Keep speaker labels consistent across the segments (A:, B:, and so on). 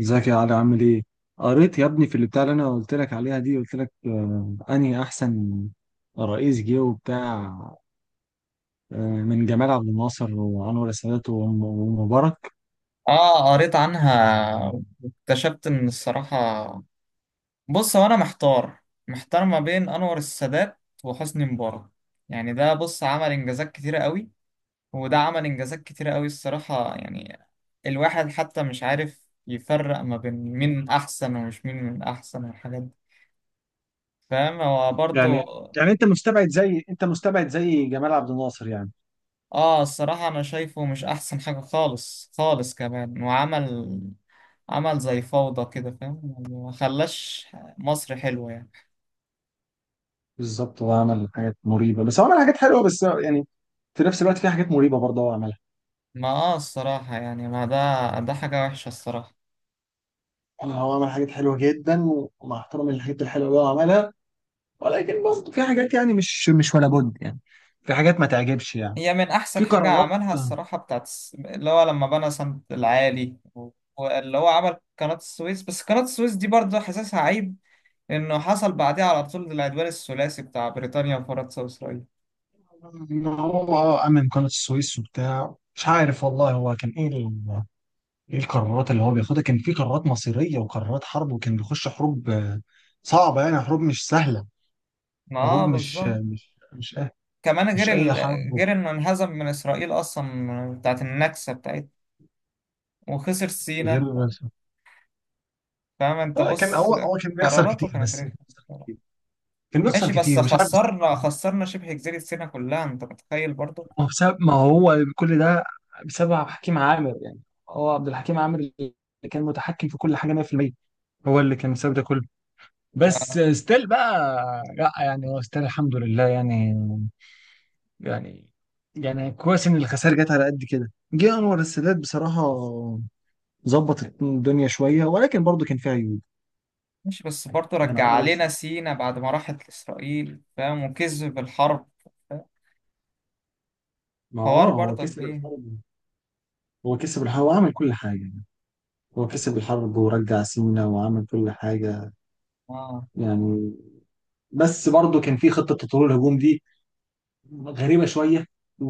A: ازيك يا علي؟ عامل ايه؟ قريت يا ابني في اللي بتاع اللي انا قلت لك عليها دي. قلت لك آه انهي احسن رئيس جه وبتاع. آه، من جمال عبد الناصر وانور السادات ومبارك.
B: اه قريت عنها واكتشفت ان الصراحة. بص، هو انا محتار، ما بين انور السادات وحسني مبارك. يعني ده بص عمل انجازات كتيرة قوي، وده عمل انجازات كتيرة قوي الصراحة. يعني الواحد حتى مش عارف يفرق ما بين مين احسن ومش مين من احسن والحاجات دي. فاهم؟ هو
A: يعني
B: برضه
A: يعني انت مستبعد زي، جمال عبد الناصر يعني؟
B: اه الصراحة أنا شايفه مش أحسن حاجة خالص خالص، كمان وعمل زي فوضى كده، فاهم؟ يعني ما خلاش مصر حلوة يعني.
A: بالظبط، هو عمل حاجات مريبه بس هو عمل حاجات حلوه، بس يعني في نفس الوقت في حاجات مريبه برضه هو عملها.
B: ما اه الصراحة يعني، ما ده حاجة وحشة الصراحة.
A: يعني هو عمل حاجات حلوه جدا، ومع احترامي للحاجات الحلوه اللي هو عملها، ولكن برضه في حاجات يعني مش ولا بد يعني. في حاجات ما تعجبش يعني.
B: هي من
A: في
B: أحسن حاجة
A: قرارات،
B: عملها الصراحة اللي هو لما بنى سد العالي، واللي هو عمل قناة السويس. بس قناة السويس دي برضه حاسسها عيب، إنه حصل بعدها على طول العدوان الثلاثي بتاع بريطانيا وفرنسا وإسرائيل.
A: ان هو اه امن قناه السويس وبتاع. مش عارف والله هو كان ايه ايه القرارات اللي هو بياخدها. كان في قرارات مصيريه وقرارات حرب، وكان بيخش حروب صعبه يعني، حروب مش سهله.
B: ما اه
A: حروب مش
B: بالظبط.
A: آه، مش مش أه
B: كمان
A: مش اي حرب.
B: غير انه انهزم من اسرائيل اصلا، بتاعت النكسه بتاعتها وخسر
A: غير
B: سينا. فاهم انت؟
A: كان
B: بص،
A: هو كان بيخسر
B: قراراته
A: كتير.
B: كانت
A: بس
B: رخمه بصراحة.
A: كان بيخسر
B: ماشي، بس
A: كتير مش عارف بسبب
B: خسرنا،
A: قرارات.
B: خسرنا شبه جزيره سينا كلها، انت متخيل برضه؟
A: ما هو بسبب، ما هو كل ده بسبب عبد الحكيم عامر يعني. هو عبد الحكيم عامر اللي كان متحكم في كل حاجه 100%. هو اللي كان بسبب ده كله. بس ستيل بقى، لا يعني هو ستيل الحمد لله يعني. يعني يعني كويس ان الخسائر جت على قد كده. جه انور السادات بصراحه، ظبط الدنيا شويه، ولكن برضه كان فيها عيوب.
B: ماشي، بس برضه
A: يعني
B: رجع
A: انور
B: علينا
A: السادات،
B: سينا بعد ما راحت لاسرائيل، فاهم؟ وكذب الحرب، فاهم؟
A: ما هو
B: حوار
A: اه هو
B: برضه
A: كسب
B: كبير.
A: الحرب. هو كسب الحرب وعمل كل حاجة. هو كسب الحرب ورجع سينا وعمل كل حاجة
B: اه.
A: يعني. بس برضه كان في خطة تطوير الهجوم دي، غريبة شوية و...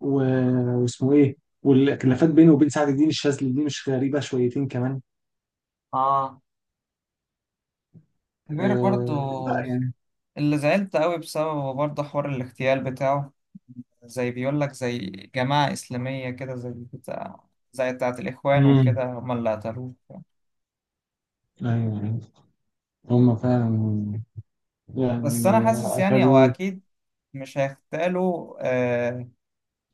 A: واسمه ايه، والخلافات بينه وبين سعد الدين الشاذلي دي مش غريبة شويتين كمان.
B: اه، غير برضه
A: آه لا يعني،
B: اللي زعلت قوي بسببه برضه، حوار الاغتيال بتاعه. زي بيقول لك زي جماعة إسلامية كده، زي بتاع، زي بتاعة الإخوان وكده،
A: امم،
B: هم اللي قتلوه.
A: ايوه هم فعلا
B: بس
A: يعني
B: أنا حاسس يعني هو
A: قتلوه.
B: أكيد مش هيغتالوا آه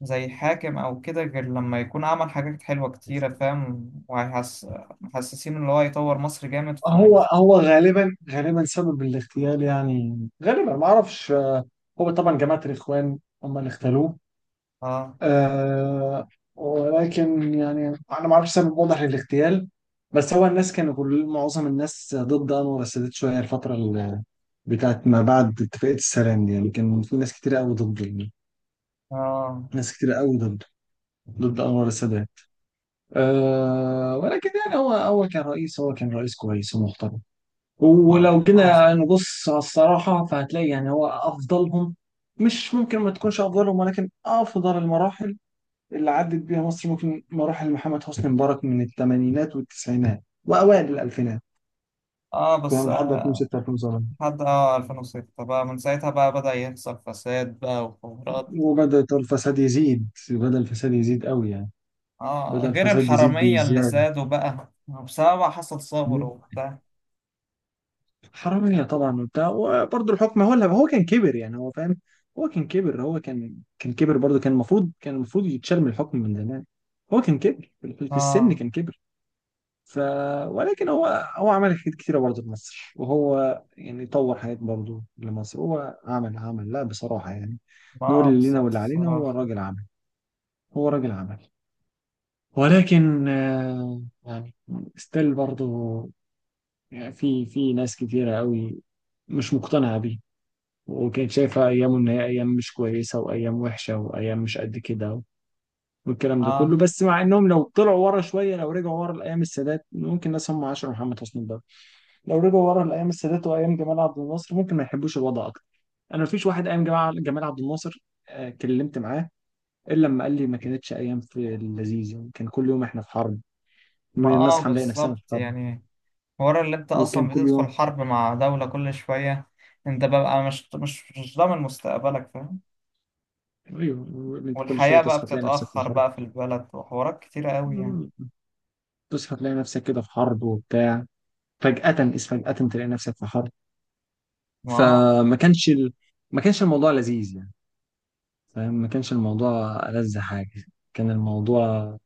B: زي حاكم أو كده، غير لما يكون عمل حاجات حلوة كتيرة، فاهم؟ وهيحس محسسين إن هو يطور مصر جامد
A: هو
B: فعايز.
A: هو غالبا سبب الاغتيال يعني، غالبا ما اعرفش. هو طبعا جماعة الاخوان هم اللي اغتالوه.
B: آه.
A: آه، ولكن يعني انا ما اعرفش سبب واضح للاغتيال. بس هو الناس كانوا، كل معظم الناس ضد انور السادات شويه الفتره بتاعت ما بعد اتفاقيه السلام دي يعني. كان في ناس كتير قوي ضد،
B: آه.
A: ناس كتير قوي ضد ضد انور السادات. آه، ولكن يعني هو كان رئيس، كويس ومحترم.
B: ما
A: ولو
B: آه.
A: جينا نبص على الصراحه فهتلاقي يعني هو افضلهم. مش ممكن ما تكونش افضلهم. ولكن افضل المراحل اللي عدت بيها مصر ممكن مراحل محمد حسني مبارك من الثمانينات والتسعينات وأوائل الألفينات.
B: آه بس
A: فاهم، لحد
B: آه،
A: 2006 2007،
B: لحد آه 2006 بقى، من ساعتها بقى بدأ يحصل فساد بقى وحوارات.
A: وبدأ الفساد يزيد. قوي يعني، بدأ
B: اه، غير
A: الفساد يزيد
B: الحرامية اللي
A: بزيادة.
B: زادوا بقى بسبب حصل ثورة
A: مم.
B: وبتاع.
A: حرامية طبعا وبتاع. وبرضه الحكم هو اللي، هو كان كبر يعني، هو فاهم، هو كان كبر، هو كان كبر برضه. كان المفروض، يتشال من الحكم من زمان. هو كان كبر في السن،
B: اه،
A: كان كبر. ف ولكن هو، هو عمل حاجات كتيرة برضه في مصر، وهو يعني طور حاجات برضه لمصر. هو عمل لا بصراحة يعني،
B: ما
A: نقول
B: آه،
A: اللي لينا
B: بالظبط
A: واللي علينا.
B: الصراحة.
A: هو راجل عمل، ولكن يعني ستيل برضه يعني، في ناس كتيرة قوي مش مقتنعة بيه، وكانت شايفة أيامه إن هي أيام مش كويسة وأيام وحشة وأيام مش قد كده والكلام ده كله.
B: اه،
A: بس مع إنهم لو طلعوا ورا شوية، لو رجعوا ورا لأيام السادات، ممكن ناس هم عاشروا محمد حسني ده لو رجعوا ورا لايام السادات وايام جمال عبد الناصر ممكن ما يحبوش الوضع اكتر. انا مفيش واحد ايام جمال عبد الناصر آه، كلمت معاه الا لما قال لي ما كانتش ايام في اللذيذ يعني، كان كل يوم احنا في حرب.
B: ما
A: من
B: آه،
A: نصحى نلاقي نفسنا في
B: بالظبط
A: حرب،
B: يعني. ورا اللي انت
A: وكان
B: اصلا
A: كل
B: بتدخل
A: يوم،
B: حرب مع دولة كل شوية، انت بقى مش ضامن مستقبلك، فاهم؟
A: ايوه انت كل شويه
B: والحياة بقى
A: تصحى تلاقي نفسك في
B: بتتأخر
A: حرب.
B: بقى في البلد، وحوارات كتيرة قوي يعني.
A: تصحى تلاقي نفسك كده في حرب وبتاع، فجأة إذ فجأة تلاقي نفسك في حرب.
B: ما آه.
A: فما كانش ال... ما كانش الموضوع لذيذ يعني، فاهم؟ ما كانش الموضوع ألذ حاجة. كان الموضوع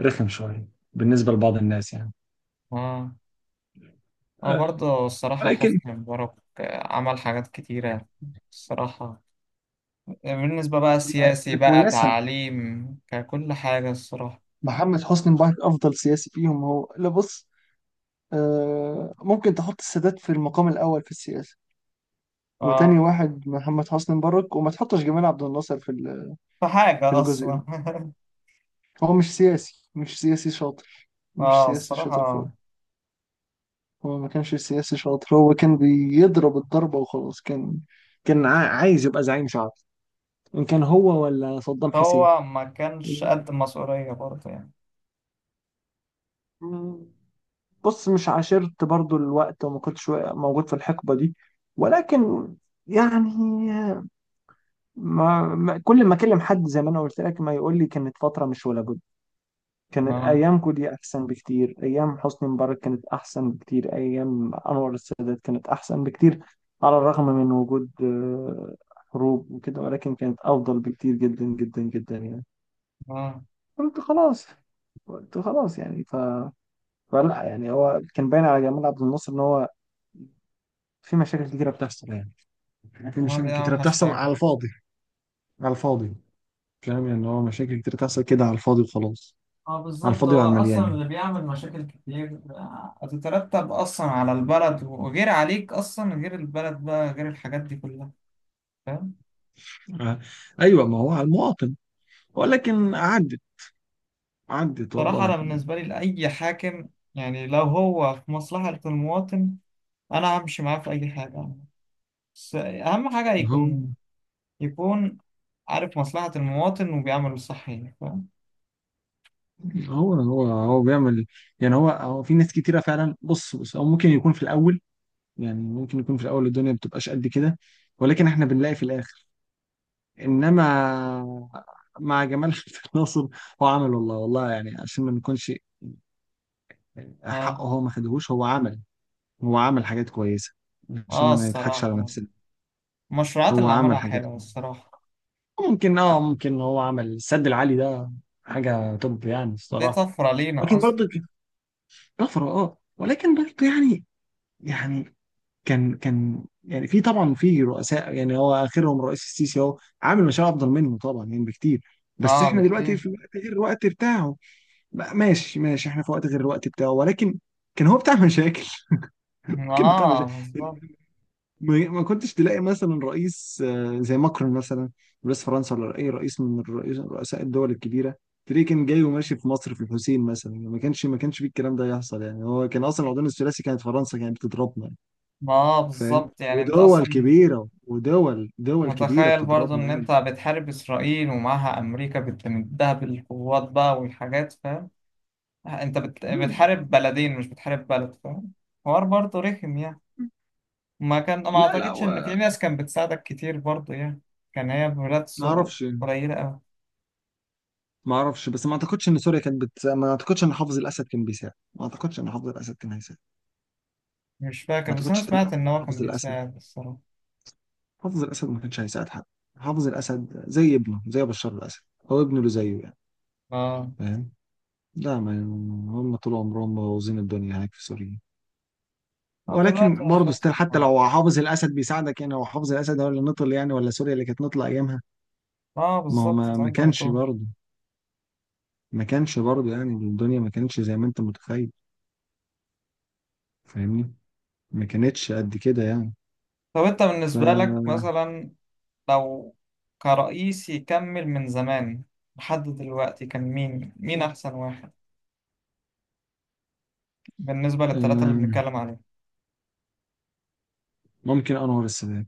A: رخم شوية بالنسبة لبعض الناس يعني.
B: اه، هو
A: آه،
B: برضه الصراحة
A: ولكن
B: حسني مبارك آه، عمل حاجات كتيرة الصراحة، بالنسبة بقى
A: بالعكس
B: سياسي
A: ده
B: بقى
A: كويسة،
B: تعليم ككل حاجة الصراحة.
A: محمد حسني مبارك أفضل سياسي فيهم. هو لا بص، آه، ممكن تحط السادات في المقام الأول في السياسة، وتاني
B: اه،
A: واحد محمد حسني مبارك، وما تحطش جمال عبد الناصر في
B: في
A: في
B: حاجة
A: الجزء
B: أصلا
A: ده. هو مش سياسي، مش
B: اه
A: سياسي شاطر
B: الصراحة.
A: خالص. هو ما كانش سياسي شاطر. هو كان بيضرب الضربة وخلاص. كان عايز يبقى زعيم شعبي، إن كان هو ولا صدام حسين.
B: هو ما كانش قد المسؤولية برضه يعني.
A: بص، مش عاشرت برضو الوقت، وما كنتش موجود في الحقبة دي، ولكن يعني كل ما اكلم حد زي ما انا قلت لك، ما يقول لي كانت فترة مش ولا بد. كانت
B: اه.
A: ايامكم دي احسن بكتير. ايام حسني مبارك كانت احسن بكتير. ايام انور السادات كانت احسن بكتير، على الرغم من وجود حروب وكده، ولكن كانت افضل بكتير جدا جدا جدا يعني.
B: اه،
A: قلت خلاص قلت خلاص يعني، ف فلا يعني هو كان باين على جمال عبد الناصر ان هو في مشاكل كتيرة بتحصل يعني، في
B: هو
A: مشاكل
B: دي
A: كتيرة
B: أوحش
A: بتحصل
B: حاجة.
A: على الفاضي، على الفاضي فاهم؟ يعني هو مشاكل كتيرة بتحصل كده على الفاضي وخلاص،
B: اه
A: على
B: بالظبط،
A: الفاضي
B: هو
A: وعلى المليان
B: أصلا
A: يعني.
B: اللي بيعمل مشاكل كتير آه، هتترتب أصلا على البلد، وغير عليك أصلا، غير البلد بقى، غير الحاجات دي كلها، فاهم؟
A: آه. أيوة، ما هو على المواطن. ولكن عدت، عدت
B: صراحة
A: والله
B: أنا
A: يعني.
B: بالنسبة لي لأي حاكم، يعني لو هو في مصلحة المواطن، أنا همشي معاه في أي حاجة. بس أهم حاجة
A: هو
B: يكون عارف مصلحة المواطن وبيعمل الصح يعني، فاهم؟
A: هو هو بيعمل يعني. هو في ناس كتيرة فعلا. بص هو ممكن يكون في الأول يعني، ممكن يكون في الأول الدنيا ما بتبقاش قد كده، ولكن احنا بنلاقي في الآخر إنما مع جمال عبد الناصر، هو عمل والله والله يعني، عشان ما نكونش،
B: اه.
A: حقه هو ما خدهوش، هو عمل، هو عمل حاجات كويسة عشان
B: اه
A: ما نضحكش على
B: الصراحة،
A: نفسنا.
B: المشروعات
A: هو
B: اللي
A: عمل
B: عملها
A: حاجات
B: حلوة
A: كويسة.
B: الصراحة،
A: ممكن اه ممكن هو عمل السد العالي ده حاجة توب يعني
B: دي
A: الصراحة.
B: طفرة لينا
A: لكن
B: أصلا.
A: برضه طفرة، اه، ولكن برضه يعني، يعني كان كان يعني في طبعا في رؤساء يعني، هو اخرهم الرئيس السيسي اهو عامل مشاريع افضل منه طبعا يعني بكتير. بس
B: اه
A: احنا دلوقتي
B: بكتير.
A: في وقت غير الوقت بتاعه بقى. ماشي احنا في وقت غير الوقت بتاعه. ولكن كان هو بتاع مشاكل.
B: ما
A: كان بتاع
B: اه،
A: مشاكل.
B: بالظبط.
A: ما كنتش تلاقي مثلا رئيس زي ماكرون مثلا، رئيس فرنسا، ولا اي رئيس من رؤساء الدول الكبيره، تلاقيه كان جاي وماشي في مصر في الحسين مثلا يعني. ما كانش فيه الكلام ده يحصل يعني. هو كان اصلا العدوان الثلاثي، كانت فرنسا كانت بتضربنا يعني،
B: ما اه،
A: فاهم؟
B: بالظبط يعني، انت
A: ودول
B: أصلا
A: كبيره، ودول كبيره
B: متخيل برضو
A: بتضربنا
B: إن
A: يعني.
B: أنت بتحارب إسرائيل ومعها أمريكا بتمدها بالقوات بقى والحاجات، فاهم؟ أنت
A: مم.
B: بتحارب بلدين، مش بتحارب بلد، فاهم؟ حوار برضه رخم يعني. ما كان ما
A: لا
B: اعتقدش ان في
A: و...
B: ناس كانت بتساعدك كتير برضه يعني. كان هي بمرات
A: ما
B: سوء
A: اعرفش يعني،
B: قليلة أوي.
A: ما اعرفش. بس ما اعتقدش ان سوريا كانت بت... ما اعتقدش ان حافظ الاسد كان بيساعد. ما اعتقدش ان حافظ الاسد كان هيساعد.
B: مش
A: ما
B: فاكر، بس أنا
A: اعتقدش
B: سمعت
A: تماما
B: إن
A: ان
B: هو كان
A: حافظ الاسد،
B: بيساعد الصراحة.
A: ما كانش هيساعد حد. حافظ الاسد زي ابنه، زي بشار الاسد. هو ابنه اللي زيه يعني،
B: آه.
A: فاهم؟ لا ما، هم طول عمرهم مبوظين الدنيا هناك في سوريا.
B: آه، دلوقتي
A: ولكن
B: مش
A: برضه
B: أحسن
A: ستيل، حتى
B: آه.
A: لو حافظ الاسد بيساعدك يعني، هو حافظ الاسد هو اللي نطل يعني؟ ولا سوريا اللي كانت نطلة ايامها؟
B: آه
A: ما هو
B: بالظبط
A: ما
B: زي ما
A: ما
B: أنت
A: كانش
B: بتقول.
A: برضه، ما كانش برضه يعني الدنيا ما كانتش زي ما انت متخيل، فاهمني؟ ما كانتش قد كده يعني.
B: طب أنت
A: ف
B: بالنسبة لك مثلا، لو كرئيس يكمل من زمان لحد دلوقتي، كان مين أحسن واحد بالنسبة للثلاثة اللي
A: آم،
B: بنتكلم عليهم؟
A: ممكن انور السادات.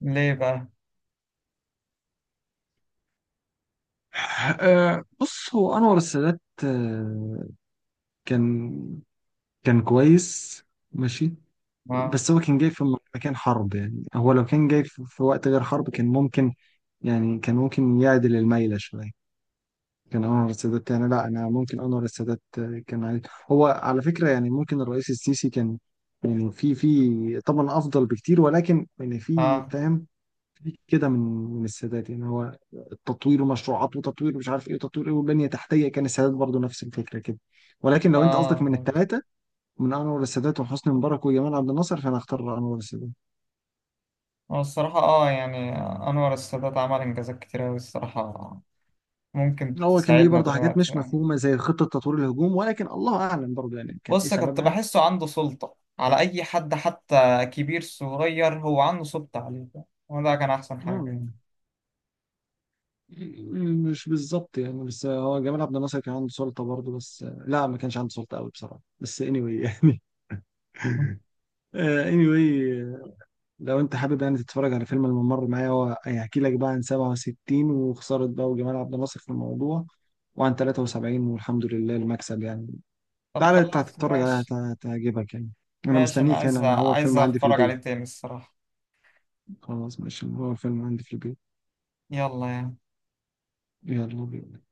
B: ليه بقى؟
A: بص هو انور السادات، كان، كان كويس، ماشي.
B: آه.
A: بس هو كان جاي في مكان حرب يعني. هو لو كان جاي في في وقت غير حرب كان ممكن يعني، كان ممكن يعدل الميلة شوية. كان أنور السادات يعني لا أنا ممكن أنور السادات كان عايز، هو على فكرة يعني ممكن الرئيس السيسي كان يعني في في طبعا أفضل بكتير، ولكن يعني في
B: آه.
A: فاهم في كده من، من السادات يعني. هو التطوير ومشروعات وتطوير مش عارف إيه وتطوير إيه وبنية تحتية، كان السادات برضو نفس الفكرة كده. ولكن لو أنت قصدك
B: آه.
A: من
B: آه.
A: الثلاثة، من انور السادات وحسني مبارك وجمال عبد الناصر، فانا اختار انور السادات.
B: هو الصراحة اه يعني، أنور السادات عمل إنجازات كتير أوي الصراحة، ممكن
A: هو كان ليه
B: تساعدنا
A: برضه حاجات
B: دلوقتي
A: مش
B: يعني.
A: مفهومه زي خطه تطوير الهجوم، ولكن الله اعلم برضه يعني كان ايه
B: بص، كنت
A: سببها.
B: بحسه عنده سلطة على أي حد، حتى كبير صغير هو عنده سلطة عليه، وده كان أحسن حاجة يعني.
A: مم. مش بالظبط يعني. بس هو جمال عبد الناصر كان عنده سلطه برضه، بس لا ما كانش عنده سلطه قوي بصراحه، بس anyway يعني. Anyway، لو انت حابب يعني تتفرج على فيلم الممر معايا، هو هيحكي لك بقى عن 67 وخساره بقى وجمال عبد الناصر في الموضوع، وعن 73 والحمد لله المكسب يعني.
B: طب
A: تعالى انت
B: خلاص
A: هتتفرج عليها
B: ماشي.
A: هتعجبك يعني. انا
B: ماشي، أنا
A: مستنيك
B: عايز
A: هنا، انا هو
B: عايز
A: الفيلم عندي في
B: أتفرج عليه
A: البيت.
B: تاني الصراحة.
A: خلاص ماشي، هو الفيلم عندي في البيت.
B: يلا يعني.
A: يلا بينا.